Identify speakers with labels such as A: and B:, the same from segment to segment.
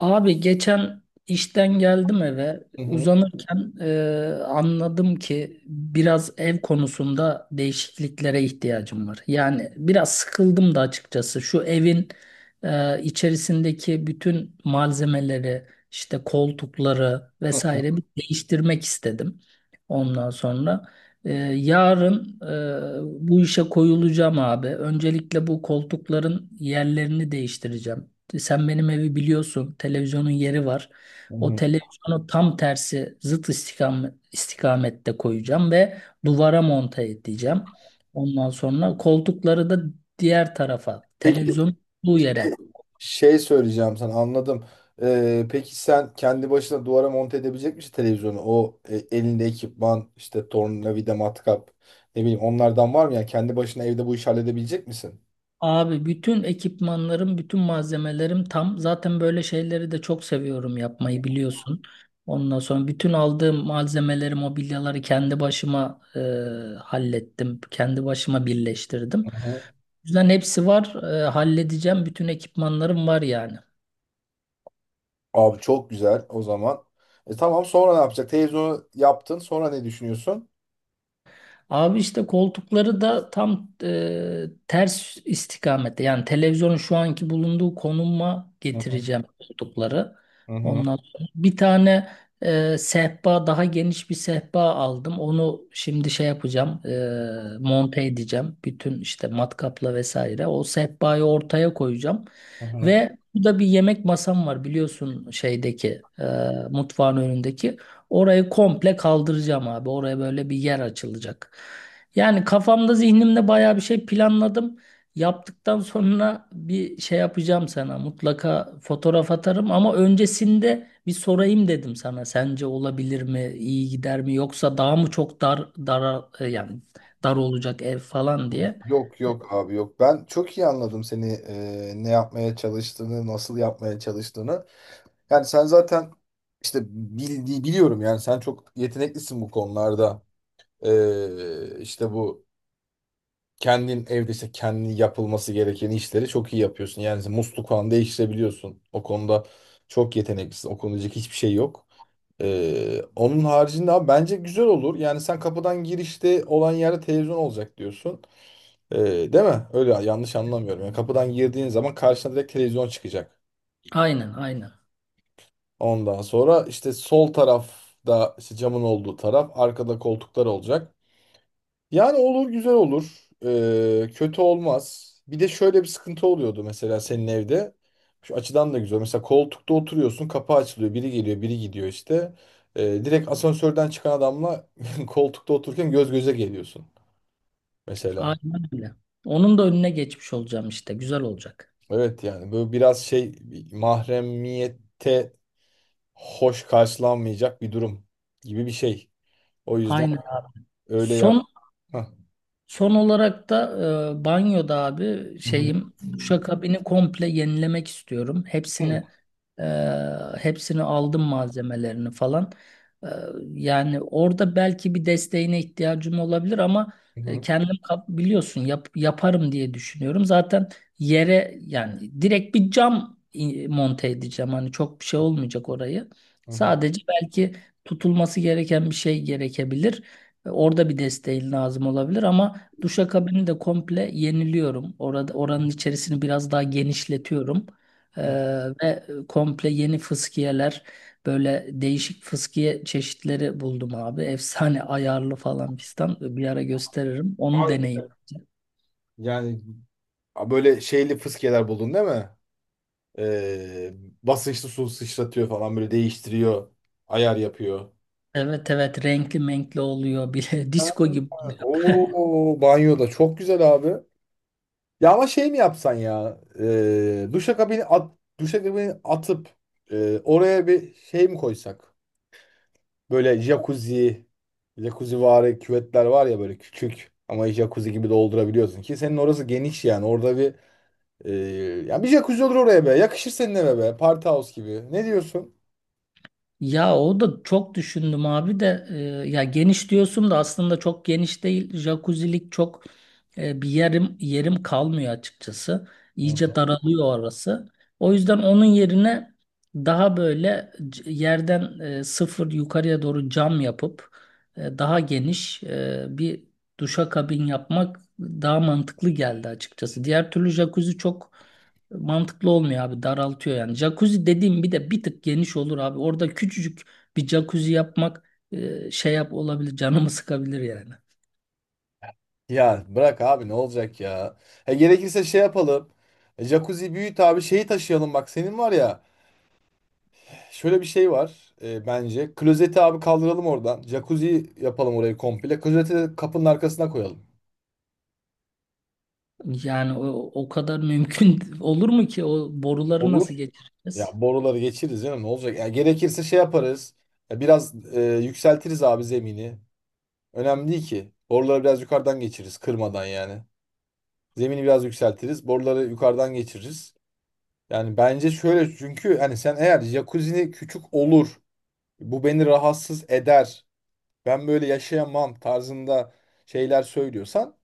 A: Abi geçen işten geldim eve
B: Hı hı,
A: uzanırken anladım ki biraz ev konusunda değişikliklere ihtiyacım var. Yani biraz sıkıldım da açıkçası şu evin içerisindeki bütün malzemeleri işte koltukları
B: hı hı,
A: vesaire bir değiştirmek istedim. Ondan sonra yarın bu işe koyulacağım abi. Öncelikle bu koltukların yerlerini değiştireceğim. Sen benim evi biliyorsun. Televizyonun yeri var.
B: hı
A: O
B: hı.
A: televizyonu tam tersi zıt istikamette koyacağım ve duvara monte edeceğim. Ondan sonra koltukları da diğer tarafa,
B: Peki
A: televizyonun olduğu yere.
B: şey söyleyeceğim sana anladım. Peki sen kendi başına duvara monte edebilecek misin televizyonu? O elinde ekipman işte tornavida matkap ne bileyim onlardan var mı ya? Kendi başına evde bu işi halledebilecek misin?
A: Abi bütün ekipmanlarım, bütün malzemelerim tam. Zaten böyle şeyleri de çok seviyorum yapmayı biliyorsun. Ondan sonra bütün aldığım malzemeleri, mobilyaları kendi başıma hallettim. Kendi başıma birleştirdim.
B: Hı hı.
A: Yüzden hepsi var. Halledeceğim. Bütün ekipmanlarım var yani.
B: Abi çok güzel o zaman. E tamam sonra ne yapacak? Televizyonu yaptın sonra ne düşünüyorsun?
A: Abi işte koltukları da tam ters istikamette. Yani televizyonun şu anki bulunduğu konuma
B: Hı hı,
A: getireceğim koltukları.
B: hı hı,
A: Ondan sonra bir tane sehpa daha geniş bir sehpa aldım. Onu şimdi şey yapacağım monte edeceğim. Bütün işte matkapla vesaire. O sehpayı ortaya koyacağım.
B: hı hı.
A: Ve burada bir yemek masam var biliyorsun şeydeki, mutfağın önündeki. Orayı komple kaldıracağım abi. Oraya böyle bir yer açılacak. Yani kafamda zihnimde baya bir şey planladım. Yaptıktan sonra bir şey yapacağım sana. Mutlaka fotoğraf atarım ama öncesinde bir sorayım dedim sana. Sence olabilir mi? İyi gider mi? Yoksa daha mı çok dar yani dar olacak ev falan diye.
B: Yok
A: E,
B: yok abi yok. Ben çok iyi anladım seni, ne yapmaya çalıştığını, nasıl yapmaya çalıştığını. Yani sen zaten işte biliyorum yani sen çok yeteneklisin bu konularda. İşte bu kendin evde işte kendin yapılması gereken işleri çok iyi yapıyorsun. Yani mesela musluk falan değiştirebiliyorsun. O konuda çok yeteneklisin. O konuda diyecek hiçbir şey yok. Onun haricinde abi bence güzel olur. Yani sen kapıdan girişte olan yerde televizyon olacak diyorsun. Ee, Değil mi? Öyle yanlış anlamıyorum. Yani kapıdan girdiğin zaman karşına direkt televizyon çıkacak.
A: Aynen, aynen.
B: Ondan sonra işte sol tarafta işte camın olduğu taraf arkada koltuklar olacak. Yani olur güzel olur. Kötü olmaz. Bir de şöyle bir sıkıntı oluyordu mesela senin evde. Şu açıdan da güzel. Mesela koltukta oturuyorsun, kapı açılıyor. Biri geliyor biri gidiyor işte. Direkt asansörden çıkan adamla koltukta otururken göz göze geliyorsun mesela.
A: Aynen öyle. Onun da önüne geçmiş olacağım işte. Güzel olacak.
B: Evet, yani böyle biraz şey, mahremiyette hoş karşılanmayacak bir durum gibi bir şey. O yüzden
A: Aynen abi.
B: öyle yap.
A: Son.
B: Hah.
A: Son olarak da banyoda abi
B: Hı hı.
A: şeyim duşakabini komple yenilemek istiyorum.
B: Hı hı.
A: Hepsini e, hepsini aldım malzemelerini falan. E, Yani orada belki bir desteğine ihtiyacım olabilir ama kendim biliyorsun yaparım diye düşünüyorum. Zaten yere yani direkt bir cam monte edeceğim. Hani çok bir şey olmayacak orayı.
B: Hı hı.
A: Sadece belki tutulması gereken bir şey gerekebilir. Orada bir desteğin lazım olabilir ama duşakabini de komple yeniliyorum. Orada oranın içerisini biraz daha genişletiyorum. Ee,
B: Hı.
A: Ve komple yeni fıskiyeler, böyle değişik fıskiye çeşitleri buldum abi. Efsane ayarlı falan fistan. Bir ara gösteririm. Onu
B: Vay be.
A: deneyin.
B: Yani böyle şeyli fıskiyeler buldun değil mi? Ee, Basınçlı su sıçratıyor falan böyle değiştiriyor. Ayar yapıyor.
A: Evet, evet, renkli menkli oluyor bile.
B: Ha,
A: Disko gibi.
B: oo, banyoda çok güzel abi. Ya ama şey mi yapsan ya? Duşakabini atıp oraya bir şey mi koysak? Böyle jacuzzi vari küvetler var ya, böyle küçük ama jacuzzi gibi doldurabiliyorsun, ki senin orası geniş yani. Orada bir Ee, ya bir jacuzzi olur oraya be. Yakışır senin eve be. Party house gibi. Ne diyorsun?
A: Ya o da çok düşündüm abi de ya geniş diyorsun da aslında çok geniş değil. Jacuzzilik çok bir yerim kalmıyor açıkçası.
B: Hı
A: İyice
B: hı.
A: daralıyor orası. O yüzden onun yerine daha böyle yerden sıfır yukarıya doğru cam yapıp daha geniş bir duşakabin yapmak daha mantıklı geldi açıkçası. Diğer türlü jacuzzi çok mantıklı olmuyor abi, daraltıyor yani. Jacuzzi dediğim bir de bir tık geniş olur abi. Orada küçücük bir jacuzzi yapmak e, şey yap olabilir, canımı sıkabilir yani.
B: Ya bırak abi, ne olacak ya. Gerekirse şey yapalım. Jacuzzi büyüt abi, şeyi taşıyalım bak. Senin var ya şöyle bir şey var, bence. Klozeti abi kaldıralım oradan. Jacuzzi yapalım orayı komple. Klozeti de kapının arkasına koyalım.
A: Yani o kadar mümkün olur mu ki? O boruları
B: Olur.
A: nasıl geçireceğiz?
B: Ya boruları geçiririz canım, ne olacak? Ya gerekirse şey yaparız. Ya biraz yükseltiriz abi zemini. Önemli değil ki. Boruları biraz yukarıdan geçiririz kırmadan yani. Zemini biraz yükseltiriz. Boruları yukarıdan geçiririz. Yani bence şöyle, çünkü hani sen eğer jacuzzi küçük olur, bu beni rahatsız eder, ben böyle yaşayamam tarzında şeyler söylüyorsan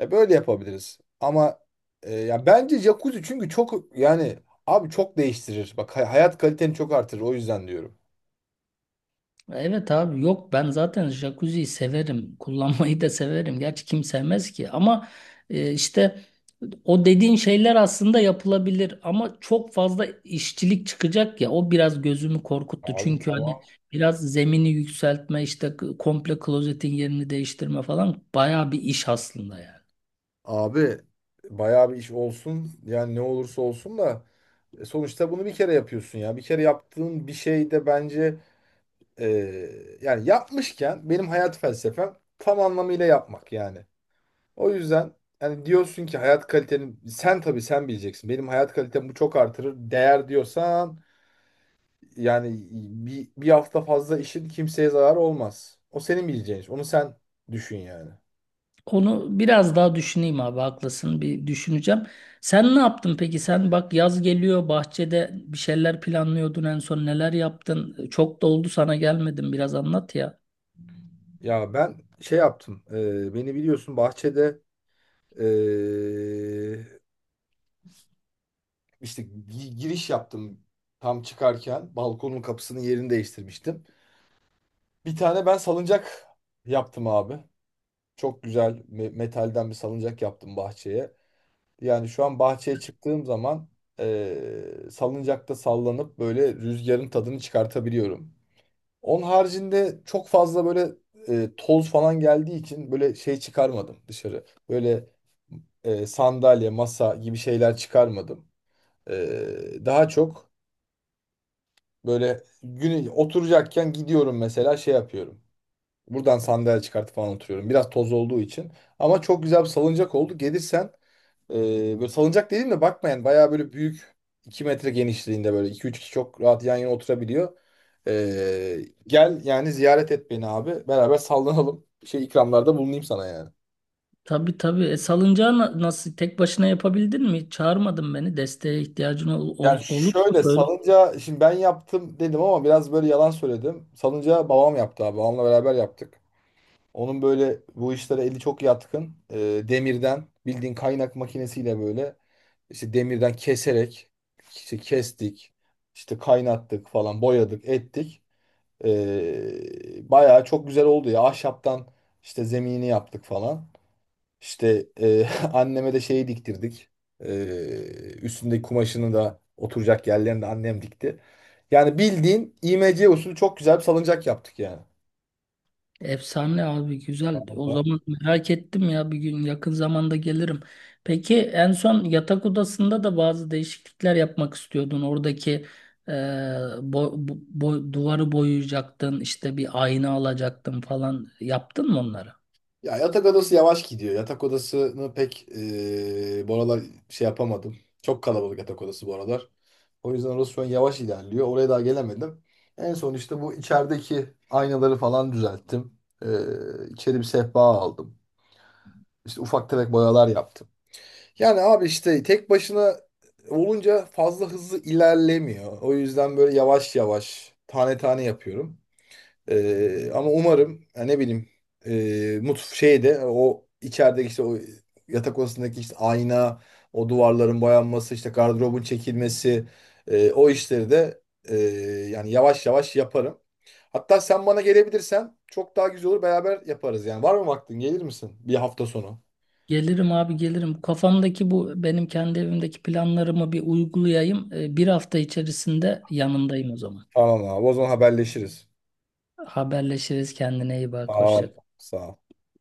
B: böyle yapabiliriz. Ama ya bence jacuzzi, çünkü çok yani, abi, çok değiştirir. Bak, hayat kaliteni çok artırır, o yüzden diyorum.
A: Evet abi, yok, ben zaten jacuzziyi severim. Kullanmayı da severim. Gerçi kim sevmez ki ama işte o dediğin şeyler aslında yapılabilir ama çok fazla işçilik çıkacak ya, o biraz gözümü korkuttu.
B: Abi
A: Çünkü
B: tamam.
A: hani biraz zemini yükseltme, işte komple klozetin yerini değiştirme falan bayağı bir iş aslında yani.
B: Abi bayağı bir iş olsun, yani ne olursa olsun da sonuçta bunu bir kere yapıyorsun ya. Bir kere yaptığın bir şey de bence, Ee, yani yapmışken, benim hayat felsefem tam anlamıyla yapmak yani. O yüzden, yani diyorsun ki hayat kaliteni, sen tabii sen bileceksin. Benim hayat kalitem bu çok artırır. Değer diyorsan, yani bir hafta fazla işin kimseye zararı olmaz. O senin bileceğin iş. Onu sen düşün yani.
A: Onu biraz daha düşüneyim abi, haklısın, bir düşüneceğim. Sen ne yaptın peki? Sen bak, yaz geliyor, bahçede bir şeyler planlıyordun, en son neler yaptın? Çok da oldu sana gelmedim, biraz anlat ya.
B: Ya ben şey yaptım. Beni biliyorsun, bahçede e, işte giriş yaptım, tam çıkarken balkonun kapısının yerini değiştirmiştim. Bir tane ben salıncak yaptım abi. Çok güzel metalden bir salıncak yaptım bahçeye. Yani şu an bahçeye çıktığım zaman salıncakta sallanıp böyle rüzgarın tadını çıkartabiliyorum. Onun haricinde çok fazla böyle toz falan geldiği için böyle şey çıkarmadım dışarı. Böyle sandalye, masa gibi şeyler çıkarmadım. Daha çok böyle, günü oturacakken gidiyorum mesela şey yapıyorum. Buradan sandalye çıkartıp falan oturuyorum. Biraz toz olduğu için. Ama çok güzel bir salıncak oldu. Gelirsen e, böyle salıncak dedim de bakma, yani bayağı böyle büyük, 2 metre genişliğinde, böyle 2-3 kişi çok rahat yan yana oturabiliyor. E, gel yani, ziyaret et beni abi. Beraber sallanalım. Şey, ikramlarda bulunayım sana yani.
A: Tabii, tabii, salıncağı nasıl tek başına yapabildin mi? Hiç çağırmadın beni, desteğe ihtiyacın ol, ol,
B: Yani
A: olur mu?
B: şöyle, salıncağı şimdi ben yaptım dedim ama biraz böyle yalan söyledim. Salıncağı babam yaptı abi. Babamla beraber yaptık. Onun böyle bu işlere eli çok yatkın. Demirden, bildiğin kaynak makinesiyle böyle, İşte demirden keserek işte kestik, işte kaynattık falan, boyadık, ettik. Bayağı çok güzel oldu ya. Ahşaptan işte zemini yaptık falan. İşte anneme de şeyi diktirdik. Ee, Üstündeki kumaşını da oturacak yerlerini de annem dikti. Yani bildiğin IMC usulü çok güzel bir salıncak yaptık yani.
A: Efsane abi, güzel. O zaman merak ettim ya, bir gün yakın zamanda gelirim. Peki en son yatak odasında da bazı değişiklikler yapmak istiyordun. Oradaki duvarı boyayacaktın, işte bir ayna alacaktın falan. Yaptın mı onları?
B: Ya yatak odası yavaş gidiyor. Yatak odasını pek bu aralar şey yapamadım. Çok kalabalık yatak odası bu aralar. O yüzden orası şu an yavaş ilerliyor. Oraya daha gelemedim. En son işte bu içerideki aynaları falan düzelttim. İçeri bir sehpa aldım. İşte ufak tefek boyalar yaptım. Yani abi, işte tek başına olunca fazla hızlı ilerlemiyor. O yüzden böyle yavaş yavaş, tane tane yapıyorum. Ama umarım ya, ne bileyim, e, mutf şeyde, o içerideki işte o yatak odasındaki işte ayna, o duvarların boyanması, işte gardırobun çekilmesi, o işleri de, yani yavaş yavaş yaparım. Hatta sen bana gelebilirsen çok daha güzel olur, beraber yaparız yani. Var mı vaktin? Gelir misin bir hafta sonu?
A: Gelirim abi, gelirim. Kafamdaki bu benim kendi evimdeki planlarımı bir uygulayayım. Bir hafta içerisinde yanındayım o zaman.
B: Tamam abi, o zaman haberleşiriz.
A: Haberleşiriz, kendine iyi bak. Hoşça
B: Tamam.
A: kal.
B: Sağ ol.